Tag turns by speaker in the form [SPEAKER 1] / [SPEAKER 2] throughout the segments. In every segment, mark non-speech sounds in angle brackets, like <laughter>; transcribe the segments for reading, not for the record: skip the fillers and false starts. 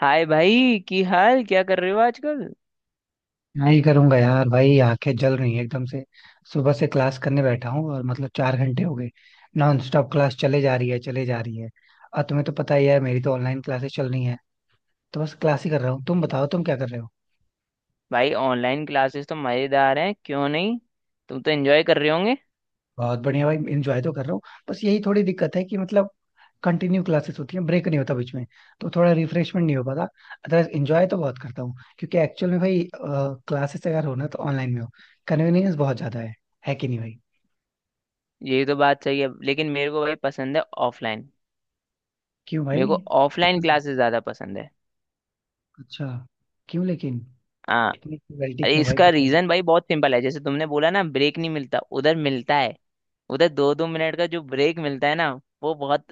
[SPEAKER 1] हाय भाई की हाल क्या कर रहे हो आजकल।
[SPEAKER 2] क्या ही करूंगा यार भाई, आंखें जल रही हैं एकदम से। सुबह से क्लास करने बैठा हूँ और चार घंटे हो गए। नॉन स्टॉप क्लास चले जा रही है। और तुम्हें तो पता ही है, मेरी तो ऑनलाइन क्लासेस चल रही हैं। तो बस क्लास ही कर रहा हूँ। तुम बताओ, तुम क्या कर रहे हो?
[SPEAKER 1] भाई ऑनलाइन क्लासेस तो मजेदार हैं, क्यों नहीं। तुम तो एंजॉय कर रहे होंगे।
[SPEAKER 2] बहुत बढ़िया भाई, इंजॉय तो कर रहा हूँ। बस यही थोड़ी दिक्कत है कि कंटिन्यू क्लासेस होती हैं, ब्रेक नहीं होता बीच में। तो थोड़ा रिफ्रेशमेंट नहीं हो पाता। अदरवाइज इंजॉय तो बहुत करता हूँ, क्योंकि एक्चुअल में भाई क्लासेस अगर हो ना, तो ऑनलाइन में हो। कन्वीनियंस बहुत ज्यादा है। है कि नहीं भाई?
[SPEAKER 1] यही तो बात सही है, लेकिन मेरे को भाई पसंद है ऑफलाइन।
[SPEAKER 2] क्यों भाई?
[SPEAKER 1] मेरे को ऑफलाइन क्लासेस ज्यादा पसंद है।
[SPEAKER 2] अच्छा, क्यों लेकिन?
[SPEAKER 1] हाँ।
[SPEAKER 2] इतनी क्रुएल्टी
[SPEAKER 1] अरे
[SPEAKER 2] क्यों भाई
[SPEAKER 1] इसका
[SPEAKER 2] खुद के साथ?
[SPEAKER 1] रीजन भाई बहुत सिंपल है, जैसे तुमने बोला ना ब्रेक नहीं मिलता, उधर मिलता है। उधर दो दो मिनट का जो ब्रेक मिलता है ना, वो बहुत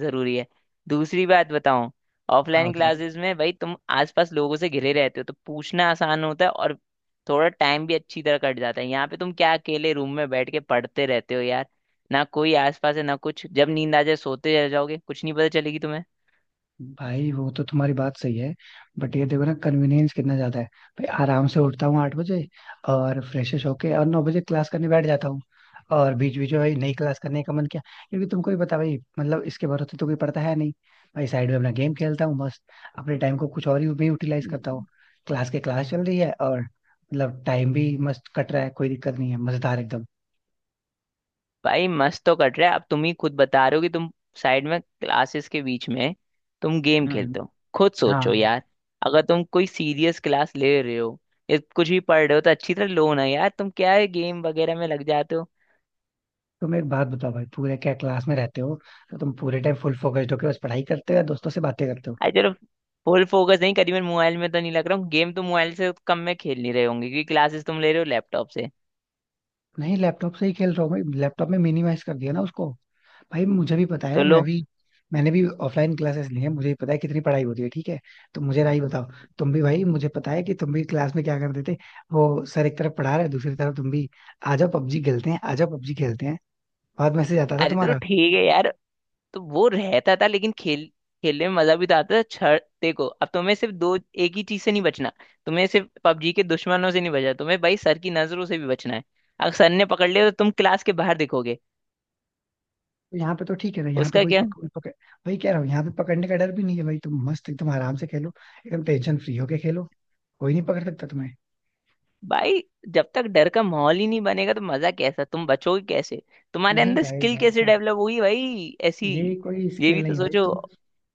[SPEAKER 1] जरूरी है। दूसरी बात बताऊं,
[SPEAKER 2] हाँ
[SPEAKER 1] ऑफलाइन
[SPEAKER 2] बताओ।
[SPEAKER 1] क्लासेस में भाई तुम आसपास लोगों से घिरे रहते हो, तो पूछना आसान होता है और थोड़ा टाइम भी अच्छी तरह कट जाता है। यहाँ पे तुम क्या अकेले रूम में बैठ के पढ़ते रहते हो यार, ना कोई आसपास है ना कुछ, जब नींद आ जाए सोते रह जाओगे, कुछ नहीं पता चलेगी
[SPEAKER 2] भाई वो तो तुम्हारी बात सही है, बट ये देखो ना कन्वीनियंस कितना ज्यादा है। भाई आराम से उठता हूँ आठ बजे, और फ्रेशेश होके और नौ बजे क्लास करने बैठ जाता हूँ। और बीच बीच में भाई नई क्लास करने का मन किया, क्योंकि तुमको भी पता भाई, इसके भरोसे तो कोई पड़ता है नहीं। भाई साइड में अपना गेम खेलता हूँ मस्त, अपने टाइम को कुछ और ही भी यूटिलाइज करता हूँ।
[SPEAKER 1] तुम्हें।
[SPEAKER 2] क्लास के क्लास चल रही है, और टाइम भी मस्त कट रहा है। कोई दिक्कत नहीं है, मजेदार एकदम।
[SPEAKER 1] भाई मस्त तो कट रहा है, अब तुम ही खुद बता रहे हो कि तुम साइड में क्लासेस के बीच में तुम गेम
[SPEAKER 2] हम्म।
[SPEAKER 1] खेलते हो। खुद सोचो
[SPEAKER 2] हाँ।
[SPEAKER 1] यार, अगर तुम कोई सीरियस क्लास ले रहे हो या कुछ भी पढ़ रहे हो तो अच्छी तरह लो ना यार, तुम क्या है गेम वगैरह में लग जाते हो।
[SPEAKER 2] तुम एक बात बताओ भाई, पूरे क्या क्लास में रहते हो? तो तुम पूरे टाइम फुल फोकस्ड होके बस पढ़ाई करते हो या दोस्तों से बातें करते हो?
[SPEAKER 1] अरे चलो, फुल फोकस नहीं करीबन, मोबाइल में तो नहीं लग रहा हूँ। गेम तो मोबाइल से कम में खेल नहीं रहे होंगे क्योंकि क्लासेस तुम ले रहे हो लैपटॉप से।
[SPEAKER 2] नहीं लैपटॉप से ही खेल रहा हूँ भाई, लैपटॉप में मिनिमाइज कर दिया ना उसको। भाई मुझे भी पता
[SPEAKER 1] तो
[SPEAKER 2] है
[SPEAKER 1] लो।
[SPEAKER 2] मैं भी मैंने भी ऑफलाइन क्लासेस ली है, मुझे भी पता है कितनी पढ़ाई होती है, ठीक है? तो मुझे राही बताओ, तुम भी भाई मुझे पता है कि तुम भी क्लास में क्या करते थे। वो सर एक तरफ पढ़ा रहे, दूसरी तरफ तुम भी, आ जाओ पबजी खेलते हैं, आ जाओ पबजी खेलते हैं। बहुत मैसेज आता था
[SPEAKER 1] अरे तो
[SPEAKER 2] तुम्हारा।
[SPEAKER 1] ठीक है यार, तो वो रहता था लेकिन खेल, खेलने में मजा भी तो आता था। छड़ देखो, अब तुम्हें सिर्फ दो, एक ही चीज से नहीं बचना। तुम्हें सिर्फ पबजी के दुश्मनों से नहीं बचना, तुम्हें भाई सर की नजरों से भी बचना है। अगर सर ने पकड़ लिया तो तुम क्लास के बाहर दिखोगे।
[SPEAKER 2] यहाँ पे तो ठीक है ना, यहाँ पे
[SPEAKER 1] उसका
[SPEAKER 2] कोई
[SPEAKER 1] क्या।
[SPEAKER 2] पक, पक, वही कह रहा हूँ, यहाँ पे पकड़ने का डर भी नहीं है भाई। तुम मस्त एकदम आराम से खेलो, एकदम टेंशन फ्री होके खेलो। कोई नहीं पकड़ सकता तुम्हें।
[SPEAKER 1] भाई जब तक डर का माहौल ही नहीं बनेगा तो मजा कैसा, तुम बचोगे कैसे, तुम्हारे
[SPEAKER 2] नहीं
[SPEAKER 1] अंदर
[SPEAKER 2] भाई
[SPEAKER 1] स्किल
[SPEAKER 2] यार
[SPEAKER 1] कैसे
[SPEAKER 2] का
[SPEAKER 1] डेवलप होगी भाई ऐसी।
[SPEAKER 2] ये कोई
[SPEAKER 1] ये
[SPEAKER 2] स्किल
[SPEAKER 1] भी तो
[SPEAKER 2] नहीं भाई।
[SPEAKER 1] सोचो।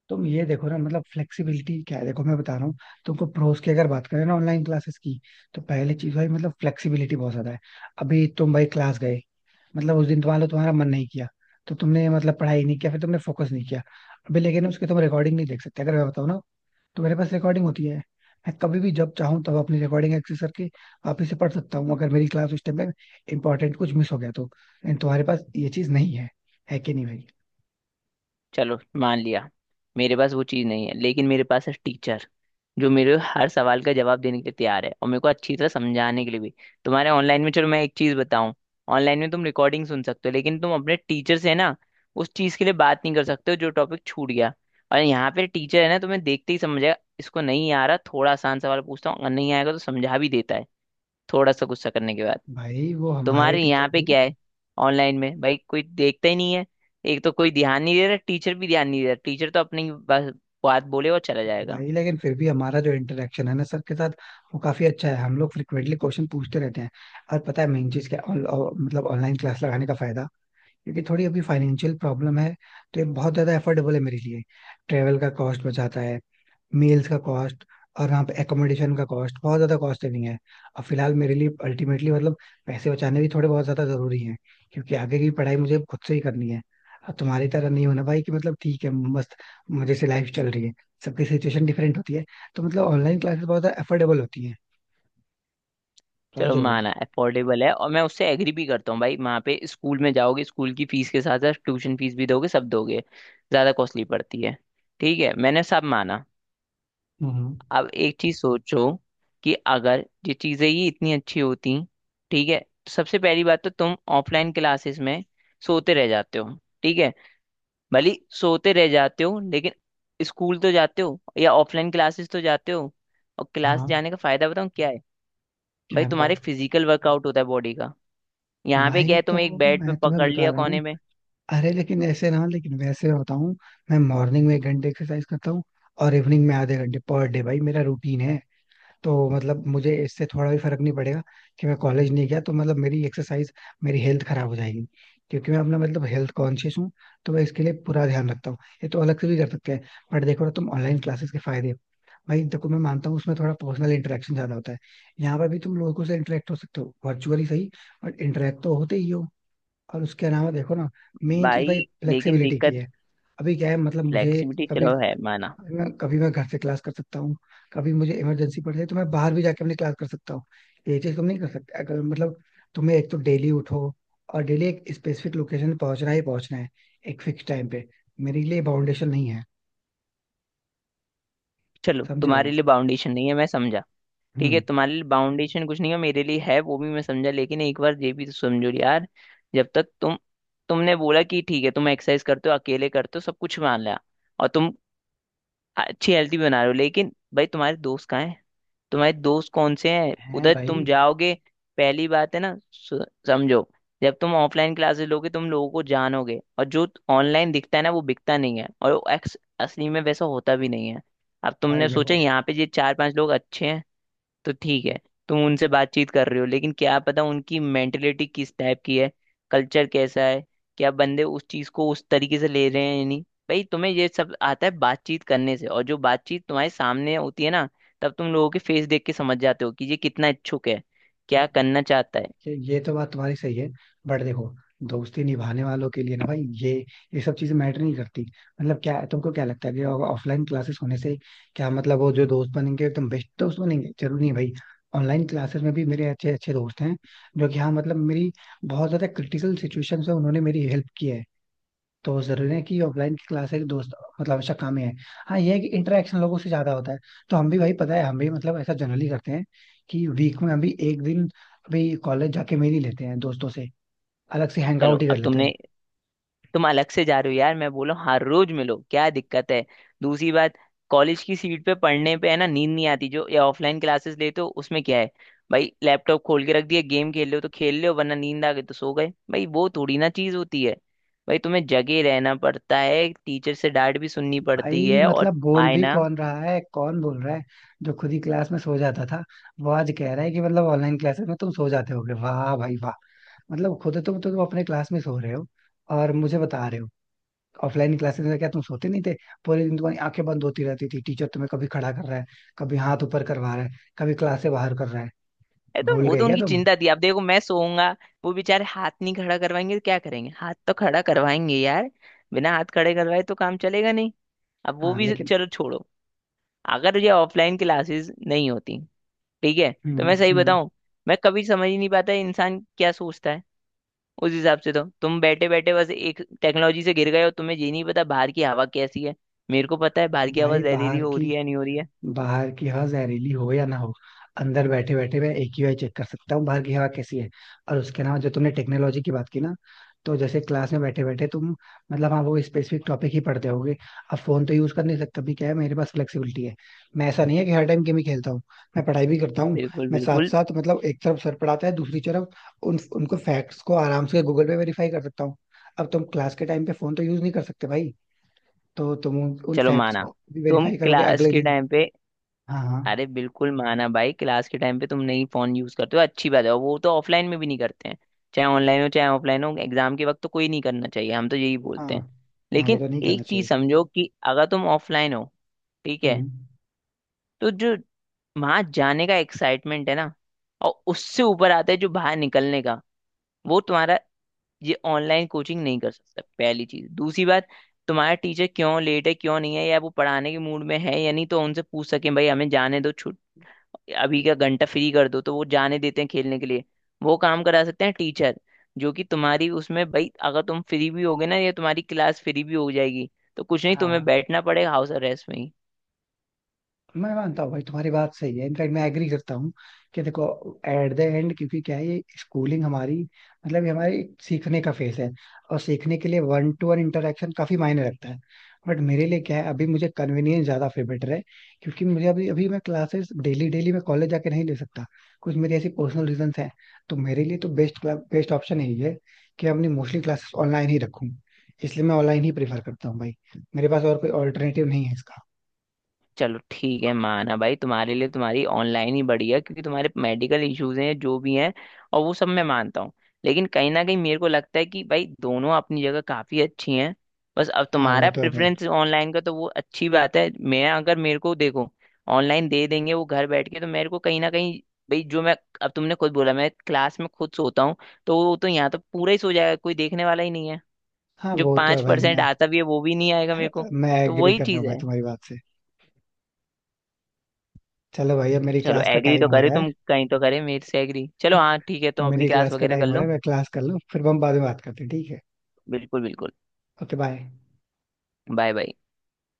[SPEAKER 2] तुम ये देखो ना, फ्लेक्सिबिलिटी क्या है, देखो मैं बता रहा हूँ। तुमको प्रोस की अगर बात करें ना ऑनलाइन क्लासेस की, तो पहले चीज भाई फ्लेक्सिबिलिटी बहुत ज्यादा है। अभी तुम भाई क्लास गए, उस दिन तुम्हारा तुम्हारा मन नहीं किया, तो तुमने पढ़ाई नहीं किया, फिर तुमने फोकस नहीं किया। अभी लेकिन उसके तुम रिकॉर्डिंग नहीं देख सकते। अगर मैं बताऊँ ना, तो मेरे पास रिकॉर्डिंग होती है। मैं कभी भी जब चाहूँ तब अपनी रिकॉर्डिंग एक्सेस करके वापस से पढ़ सकता हूँ, अगर मेरी क्लास उस टाइम में इंपॉर्टेंट कुछ मिस हो गया तो। एंड तुम्हारे पास ये चीज नहीं है। है कि नहीं भाई?
[SPEAKER 1] चलो मान लिया, मेरे पास वो चीज़ नहीं है, लेकिन मेरे पास है टीचर, जो मेरे हर सवाल का जवाब देने के लिए तैयार है और मेरे को अच्छी तरह समझाने के लिए भी। तुम्हारे ऑनलाइन में, चलो मैं एक चीज़ बताऊं, ऑनलाइन में तुम रिकॉर्डिंग सुन सकते हो, लेकिन तुम अपने टीचर से ना उस चीज़ के लिए बात नहीं कर सकते हो जो टॉपिक छूट गया। और यहाँ पे टीचर है ना, तुम्हें देखते ही समझ जाएगा इसको नहीं आ रहा, थोड़ा आसान सवाल पूछता हूँ, अगर नहीं आएगा तो समझा भी देता है, थोड़ा सा गुस्सा करने के बाद।
[SPEAKER 2] भाई वो हमारे
[SPEAKER 1] तुम्हारे यहाँ
[SPEAKER 2] टीचर
[SPEAKER 1] पे
[SPEAKER 2] भी।
[SPEAKER 1] क्या है, ऑनलाइन में भाई कोई देखता ही नहीं है। एक तो कोई ध्यान नहीं दे रहा, टीचर भी ध्यान नहीं दे रहा, टीचर तो अपनी बस बात बोले और चला जाएगा।
[SPEAKER 2] भाई लेकिन फिर भी हमारा जो इंटरेक्शन है ना सर के साथ, वो काफी अच्छा है। हम लोग फ्रिक्वेंटली क्वेश्चन पूछते रहते हैं। और पता है मेन चीज क्या ऑनलाइन क्लास लगाने का फायदा? क्योंकि थोड़ी अभी फाइनेंशियल प्रॉब्लम है, तो ये बहुत ज्यादा एफोर्डेबल है मेरे लिए। ट्रेवल का कॉस्ट बचाता है, मील्स का कॉस्ट, और वहाँ पे एकोमोडेशन का कॉस्ट, बहुत ज्यादा कॉस्ट सेविंग है। अब फिलहाल मेरे लिए अल्टीमेटली पैसे बचाने भी थोड़े बहुत ज्यादा जरूरी हैं, क्योंकि आगे की पढ़ाई मुझे खुद से ही करनी है। अब तुम्हारी तरह नहीं होना भाई कि ठीक है, मस्त मजे से लाइफ चल रही है। सबकी सिचुएशन डिफरेंट होती है। तो ऑनलाइन क्लासेस बहुत ज्यादा अफोर्डेबल होती है,
[SPEAKER 1] चलो,
[SPEAKER 2] समझे भाई?
[SPEAKER 1] माना अफोर्डेबल है, और मैं उससे एग्री भी करता हूँ। भाई वहाँ पे स्कूल में जाओगे, स्कूल की फीस के साथ साथ ट्यूशन फीस भी दोगे, सब दोगे, ज़्यादा कॉस्टली पड़ती है। ठीक है, मैंने सब माना।
[SPEAKER 2] हम्म।
[SPEAKER 1] अब एक चीज़ सोचो कि अगर ये चीज़ें ही इतनी अच्छी होती, ठीक है, तो सबसे पहली बात तो तुम ऑफलाइन क्लासेस में सोते रह जाते हो, ठीक है। भले ही सोते रह जाते हो लेकिन स्कूल तो जाते हो, या ऑफलाइन क्लासेस तो जाते हो। और क्लास
[SPEAKER 2] हाँ।
[SPEAKER 1] जाने का फायदा बताऊँ क्या है।
[SPEAKER 2] क्या
[SPEAKER 1] भाई
[SPEAKER 2] है
[SPEAKER 1] तुम्हारे
[SPEAKER 2] बताओ?
[SPEAKER 1] फिजिकल वर्कआउट होता है बॉडी का। यहाँ पे क्या
[SPEAKER 2] भाई
[SPEAKER 1] है,
[SPEAKER 2] तो
[SPEAKER 1] तुम्हें एक बेड पे
[SPEAKER 2] मैं तुम्हें
[SPEAKER 1] पकड़
[SPEAKER 2] बता
[SPEAKER 1] लिया
[SPEAKER 2] रहा हूँ,
[SPEAKER 1] कोने में।
[SPEAKER 2] अरे लेकिन ऐसे ना, लेकिन वैसे बताऊं। मैं मॉर्निंग में एक घंटे एक्सरसाइज करता हूँ, और इवनिंग में आधे घंटे, पर डे भाई मेरा रूटीन है। तो मुझे इससे थोड़ा भी फर्क नहीं पड़ेगा कि मैं कॉलेज नहीं गया तो मेरी एक्सरसाइज, मेरी हेल्थ खराब हो जाएगी। क्योंकि मैं अपना हेल्थ कॉन्शियस हूँ, तो मैं इसके लिए पूरा ध्यान रखता हूँ। ये तो अलग से भी कर सकते हैं। बट देखो ना तुम ऑनलाइन क्लासेस के फायदे। भाई देखो मैं मानता हूँ उसमें थोड़ा पर्सनल इंटरेक्शन ज्यादा होता है। यहाँ पर भी तुम लोगों से इंटरेक्ट हो सकते हो वर्चुअली, सही, बट इंटरेक्ट तो होते ही हो। और उसके अलावा देखो ना, मेन चीज
[SPEAKER 1] भाई
[SPEAKER 2] भाई
[SPEAKER 1] लेकिन
[SPEAKER 2] फ्लेक्सिबिलिटी की
[SPEAKER 1] दिक्कत,
[SPEAKER 2] है। अभी क्या है मुझे
[SPEAKER 1] फ्लेक्सिबिलिटी
[SPEAKER 2] कभी,
[SPEAKER 1] चलो है माना।
[SPEAKER 2] मैं घर से क्लास कर सकता हूँ, कभी मुझे इमरजेंसी पड़ जाए तो मैं बाहर भी जाके अपनी क्लास कर सकता हूँ। ये चीज तुम नहीं कर सकते। अगर तुम्हें, एक तो डेली उठो और डेली एक स्पेसिफिक लोकेशन पहुंचना ही पहुंचना है, एक फिक्स टाइम पे। मेरे लिए बाउंडेशन नहीं है।
[SPEAKER 1] चलो
[SPEAKER 2] समझे
[SPEAKER 1] तुम्हारे
[SPEAKER 2] भाई?
[SPEAKER 1] लिए बाउंडेशन नहीं है, मैं समझा। ठीक है,
[SPEAKER 2] हम्म।
[SPEAKER 1] तुम्हारे लिए बाउंडेशन कुछ नहीं है, मेरे लिए है, वो भी मैं समझा, लेकिन एक बार ये भी तो समझो यार। जब तक तुम, तुमने बोला कि ठीक है तुम एक्सरसाइज करते हो, अकेले करते हो, सब कुछ मान लिया, और तुम अच्छी हेल्दी बना रहे हो, लेकिन भाई तुम्हारे दोस्त कहाँ हैं, तुम्हारे दोस्त कौन से हैं,
[SPEAKER 2] है
[SPEAKER 1] उधर तुम
[SPEAKER 2] भाई।
[SPEAKER 1] जाओगे। पहली बात है ना, समझो, जब तुम ऑफलाइन क्लासेस लोगे तुम लोगों को जानोगे, और जो ऑनलाइन दिखता है ना वो बिकता नहीं है, और वो एक्स असली में वैसा होता भी नहीं है। अब
[SPEAKER 2] भाई
[SPEAKER 1] तुमने सोचा
[SPEAKER 2] देखो
[SPEAKER 1] यहाँ पे ये चार पांच लोग अच्छे हैं तो ठीक है, तुम उनसे बातचीत कर रहे हो, लेकिन क्या पता उनकी मेंटेलिटी किस टाइप की है, कल्चर कैसा है, क्या बंदे उस चीज को उस तरीके से ले रहे हैं या नहीं। भाई तुम्हें ये सब आता है बातचीत करने से, और जो बातचीत तुम्हारे सामने होती है ना, तब तुम लोगों के फेस देख के समझ जाते हो कि ये कितना इच्छुक है, क्या करना चाहता है।
[SPEAKER 2] ये तो बात तुम्हारी सही है, बट देखो, दोस्ती निभाने वालों के लिए ना भाई, ये सब चीजें मैटर नहीं करती। क्या तुमको क्या लगता है कि ऑफलाइन क्लासेस होने से, क्या वो जो दोस्त बनेंगे एकदम बेस्ट दोस्त बनेंगे? जरूरी नहीं भाई। ऑनलाइन क्लासेस में भी मेरे अच्छे अच्छे दोस्त हैं, जो कि हाँ मेरी बहुत ज्यादा क्रिटिकल सिचुएशन में उन्होंने मेरी हेल्प की है। तो जरूरी नहीं कि ऑफलाइन की क्लास है कि दोस्त हमेशा काम ही है। हाँ, ये है कि इंटरेक्शन लोगों से ज्यादा होता है। तो हम भी भाई, पता है हम भी ऐसा जनरली करते हैं कि वीक में हम भी एक दिन अभी कॉलेज जाके मेल ही लेते हैं दोस्तों से, अलग से हैंग
[SPEAKER 1] चलो
[SPEAKER 2] आउट ही कर
[SPEAKER 1] अब
[SPEAKER 2] लेते
[SPEAKER 1] तुमने,
[SPEAKER 2] हैं।
[SPEAKER 1] तुम अलग से जा रहे हो यार, मैं बोला हूँ, हर रोज मिलो क्या दिक्कत है। दूसरी बात, कॉलेज की सीट पे पढ़ने पे है ना नींद नहीं आती, जो ये ऑफलाइन क्लासेस लेते हो उसमें क्या है, भाई लैपटॉप खोल के रख दिया, गेम खेल रहे हो तो खेल रहे हो, वरना नींद आ गई तो सो गए, भाई वो थोड़ी ना चीज होती है। भाई तुम्हें जगे रहना पड़ता है, टीचर से डांट भी सुननी पड़ती
[SPEAKER 2] भाई
[SPEAKER 1] है, और
[SPEAKER 2] बोल
[SPEAKER 1] आए
[SPEAKER 2] भी
[SPEAKER 1] ना।
[SPEAKER 2] कौन रहा है? कौन बोल रहा है? जो खुद ही क्लास में सो जाता था, वो आज कह रहा है कि ऑनलाइन क्लासेस में तुम सो जाते होगे। वाह भाई वाह! खुद तुम अपने क्लास में सो रहे हो और मुझे बता रहे हो। ऑफलाइन क्लासेस में क्या तुम सोते नहीं थे? पूरे दिन तुम्हारी आंखें बंद होती रहती थी। टीचर तुम्हें कभी खड़ा कर रहा है, कभी हाथ ऊपर करवा रहा है, कभी क्लास से बाहर कर रहा है।
[SPEAKER 1] ए तो
[SPEAKER 2] भूल
[SPEAKER 1] वो
[SPEAKER 2] गए
[SPEAKER 1] तो
[SPEAKER 2] क्या
[SPEAKER 1] उनकी
[SPEAKER 2] तुम?
[SPEAKER 1] चिंता थी, अब देखो मैं सोऊंगा, वो बेचारे हाथ नहीं खड़ा करवाएंगे तो क्या करेंगे, हाथ तो खड़ा करवाएंगे यार। बिना हाथ खड़े करवाए तो काम चलेगा नहीं। अब वो
[SPEAKER 2] हाँ
[SPEAKER 1] भी
[SPEAKER 2] लेकिन।
[SPEAKER 1] चलो छोड़ो, अगर ये ऑफलाइन क्लासेस नहीं होती, ठीक है, तो
[SPEAKER 2] हम्म।
[SPEAKER 1] मैं सही
[SPEAKER 2] हम्म।
[SPEAKER 1] बताऊं, मैं कभी समझ ही नहीं पाता इंसान क्या सोचता है। उस हिसाब से तो तुम बैठे बैठे बस एक टेक्नोलॉजी से गिर गए हो, तुम्हें ये नहीं पता बाहर की हवा कैसी है। मेरे को पता है बाहर की हवा
[SPEAKER 2] भाई
[SPEAKER 1] जहरीली हो रही है नहीं हो रही है।
[SPEAKER 2] बाहर की हवा जहरीली हो या ना हो, अंदर बैठे बैठे मैं एक ही बार चेक कर सकता हूँ बाहर की हवा कैसी है। और उसके अलावा जो तुमने टेक्नोलॉजी की बात की ना, तो जैसे क्लास में बैठे बैठे तुम हाँ वो स्पेसिफिक टॉपिक ही पढ़ते होगे, अब फोन तो यूज कर नहीं सकता। भी क्या है, मेरे पास फ्लेक्सिबिलिटी है। मैं ऐसा नहीं है कि हर टाइम गेम ही खेलता हूँ, मैं पढ़ाई भी करता हूँ।
[SPEAKER 1] बिल्कुल
[SPEAKER 2] मैं साथ
[SPEAKER 1] बिल्कुल।
[SPEAKER 2] साथ एक तरफ सर पढ़ाता है, दूसरी तरफ उन उनको फैक्ट्स को आराम से गूगल पे वेरीफाई कर सकता हूँ। अब तुम क्लास के टाइम पे फोन तो यूज नहीं कर सकते भाई। तो तुम उन
[SPEAKER 1] चलो
[SPEAKER 2] फैक्ट्स
[SPEAKER 1] माना,
[SPEAKER 2] को भी
[SPEAKER 1] तुम
[SPEAKER 2] वेरीफाई करोगे
[SPEAKER 1] क्लास
[SPEAKER 2] अगले
[SPEAKER 1] के
[SPEAKER 2] दिन।
[SPEAKER 1] टाइम पे।
[SPEAKER 2] हाँ हाँ।
[SPEAKER 1] अरे बिल्कुल माना भाई, क्लास के टाइम पे तुम नहीं फोन यूज करते हो, अच्छी बात है, और वो तो ऑफलाइन में भी नहीं करते हैं। चाहे ऑनलाइन हो चाहे ऑफलाइन हो, एग्जाम के वक्त तो कोई नहीं करना चाहिए, हम तो यही बोलते हैं।
[SPEAKER 2] हाँ, हाँ वो
[SPEAKER 1] लेकिन
[SPEAKER 2] तो नहीं करना
[SPEAKER 1] एक चीज
[SPEAKER 2] चाहिए।
[SPEAKER 1] समझो कि अगर तुम ऑफलाइन हो, ठीक है,
[SPEAKER 2] हम्म।
[SPEAKER 1] तो जो वहां जाने का एक्साइटमेंट है ना, और उससे ऊपर आता है जो बाहर निकलने का, वो तुम्हारा, ये ऑनलाइन कोचिंग नहीं कर सकता। पहली चीज, दूसरी बात, तुम्हारा टीचर क्यों लेट है क्यों नहीं है, या वो पढ़ाने के मूड में है या नहीं, तो उनसे पूछ सकें भाई हमें जाने दो, अभी का घंटा फ्री कर दो, तो वो जाने देते हैं खेलने के लिए। वो काम करा सकते हैं टीचर, जो कि तुम्हारी उसमें भाई अगर तुम फ्री भी होगे ना, या तुम्हारी क्लास फ्री भी हो जाएगी, तो कुछ नहीं तुम्हें
[SPEAKER 2] हाँ
[SPEAKER 1] बैठना पड़ेगा हाउस अरेस्ट में ही।
[SPEAKER 2] मैं मानता हूँ भाई तुम्हारी बात सही है, इनफैक्ट मैं एग्री करता हूँ। कि देखो, एट द एंड क्योंकि क्या है ये स्कूलिंग हमारी, ये हमारी एक सीखने का फेस है, और सीखने के लिए वन टू वन इंटरेक्शन काफी मायने रखता है। बट मेरे लिए क्या है, अभी मुझे कन्वीनियंस ज्यादा फेवरेट है। क्योंकि मुझे अभी अभी मैं क्लासेस डेली डेली मैं कॉलेज जाके नहीं ले सकता, कुछ मेरी ऐसी पर्सनल रीजंस हैं। तो मेरे लिए तो बेस्ट बेस्ट ऑप्शन यही है कि अपनी मोस्टली क्लासेस ऑनलाइन ही रखूँ। इसलिए मैं ऑनलाइन ही प्रेफर करता हूँ भाई। मेरे पास और कोई ऑल्टरनेटिव नहीं है इसका।
[SPEAKER 1] चलो ठीक है, माना भाई तुम्हारे लिए तुम्हारी ऑनलाइन ही बढ़िया, क्योंकि तुम्हारे मेडिकल इश्यूज हैं जो भी हैं, और वो सब मैं मानता हूँ। लेकिन कहीं ना कहीं मेरे को लगता है कि भाई दोनों अपनी जगह काफी अच्छी हैं। बस अब
[SPEAKER 2] हाँ वो
[SPEAKER 1] तुम्हारा
[SPEAKER 2] तो है भाई।
[SPEAKER 1] प्रेफरेंस ऑनलाइन का तो वो अच्छी बात है। मैं अगर मेरे को देखो, ऑनलाइन दे देंगे वो घर बैठ के, तो मेरे को कहीं ना कहीं, भाई जो मैं, अब तुमने खुद बोला मैं क्लास में खुद सोता हूँ, तो वो तो यहाँ तो पूरा ही सो जाएगा, कोई देखने वाला ही नहीं है।
[SPEAKER 2] हाँ
[SPEAKER 1] जो
[SPEAKER 2] वो तो है
[SPEAKER 1] पांच
[SPEAKER 2] भाई
[SPEAKER 1] परसेंट
[SPEAKER 2] मैं
[SPEAKER 1] आता भी है वो भी नहीं आएगा मेरे को।
[SPEAKER 2] मैं
[SPEAKER 1] तो
[SPEAKER 2] एग्री
[SPEAKER 1] वही
[SPEAKER 2] कर रहा
[SPEAKER 1] चीज
[SPEAKER 2] हूँ भाई
[SPEAKER 1] है।
[SPEAKER 2] तुम्हारी बात से। चलो भाई अब मेरी
[SPEAKER 1] चलो
[SPEAKER 2] क्लास का
[SPEAKER 1] एग्री
[SPEAKER 2] टाइम
[SPEAKER 1] तो
[SPEAKER 2] हो
[SPEAKER 1] करे,
[SPEAKER 2] रहा है।
[SPEAKER 1] तुम कहीं तो करे मेरे से एग्री, चलो हाँ ठीक है,
[SPEAKER 2] <laughs>
[SPEAKER 1] तुम अपनी
[SPEAKER 2] मेरी
[SPEAKER 1] क्लास
[SPEAKER 2] क्लास का
[SPEAKER 1] वगैरह
[SPEAKER 2] टाइम
[SPEAKER 1] कर
[SPEAKER 2] हो रहा
[SPEAKER 1] लो।
[SPEAKER 2] है, मैं क्लास कर लूँ, फिर हम बाद में बात करते हैं, ठीक है?
[SPEAKER 1] बिल्कुल बिल्कुल।
[SPEAKER 2] Okay bye.
[SPEAKER 1] Bye bye.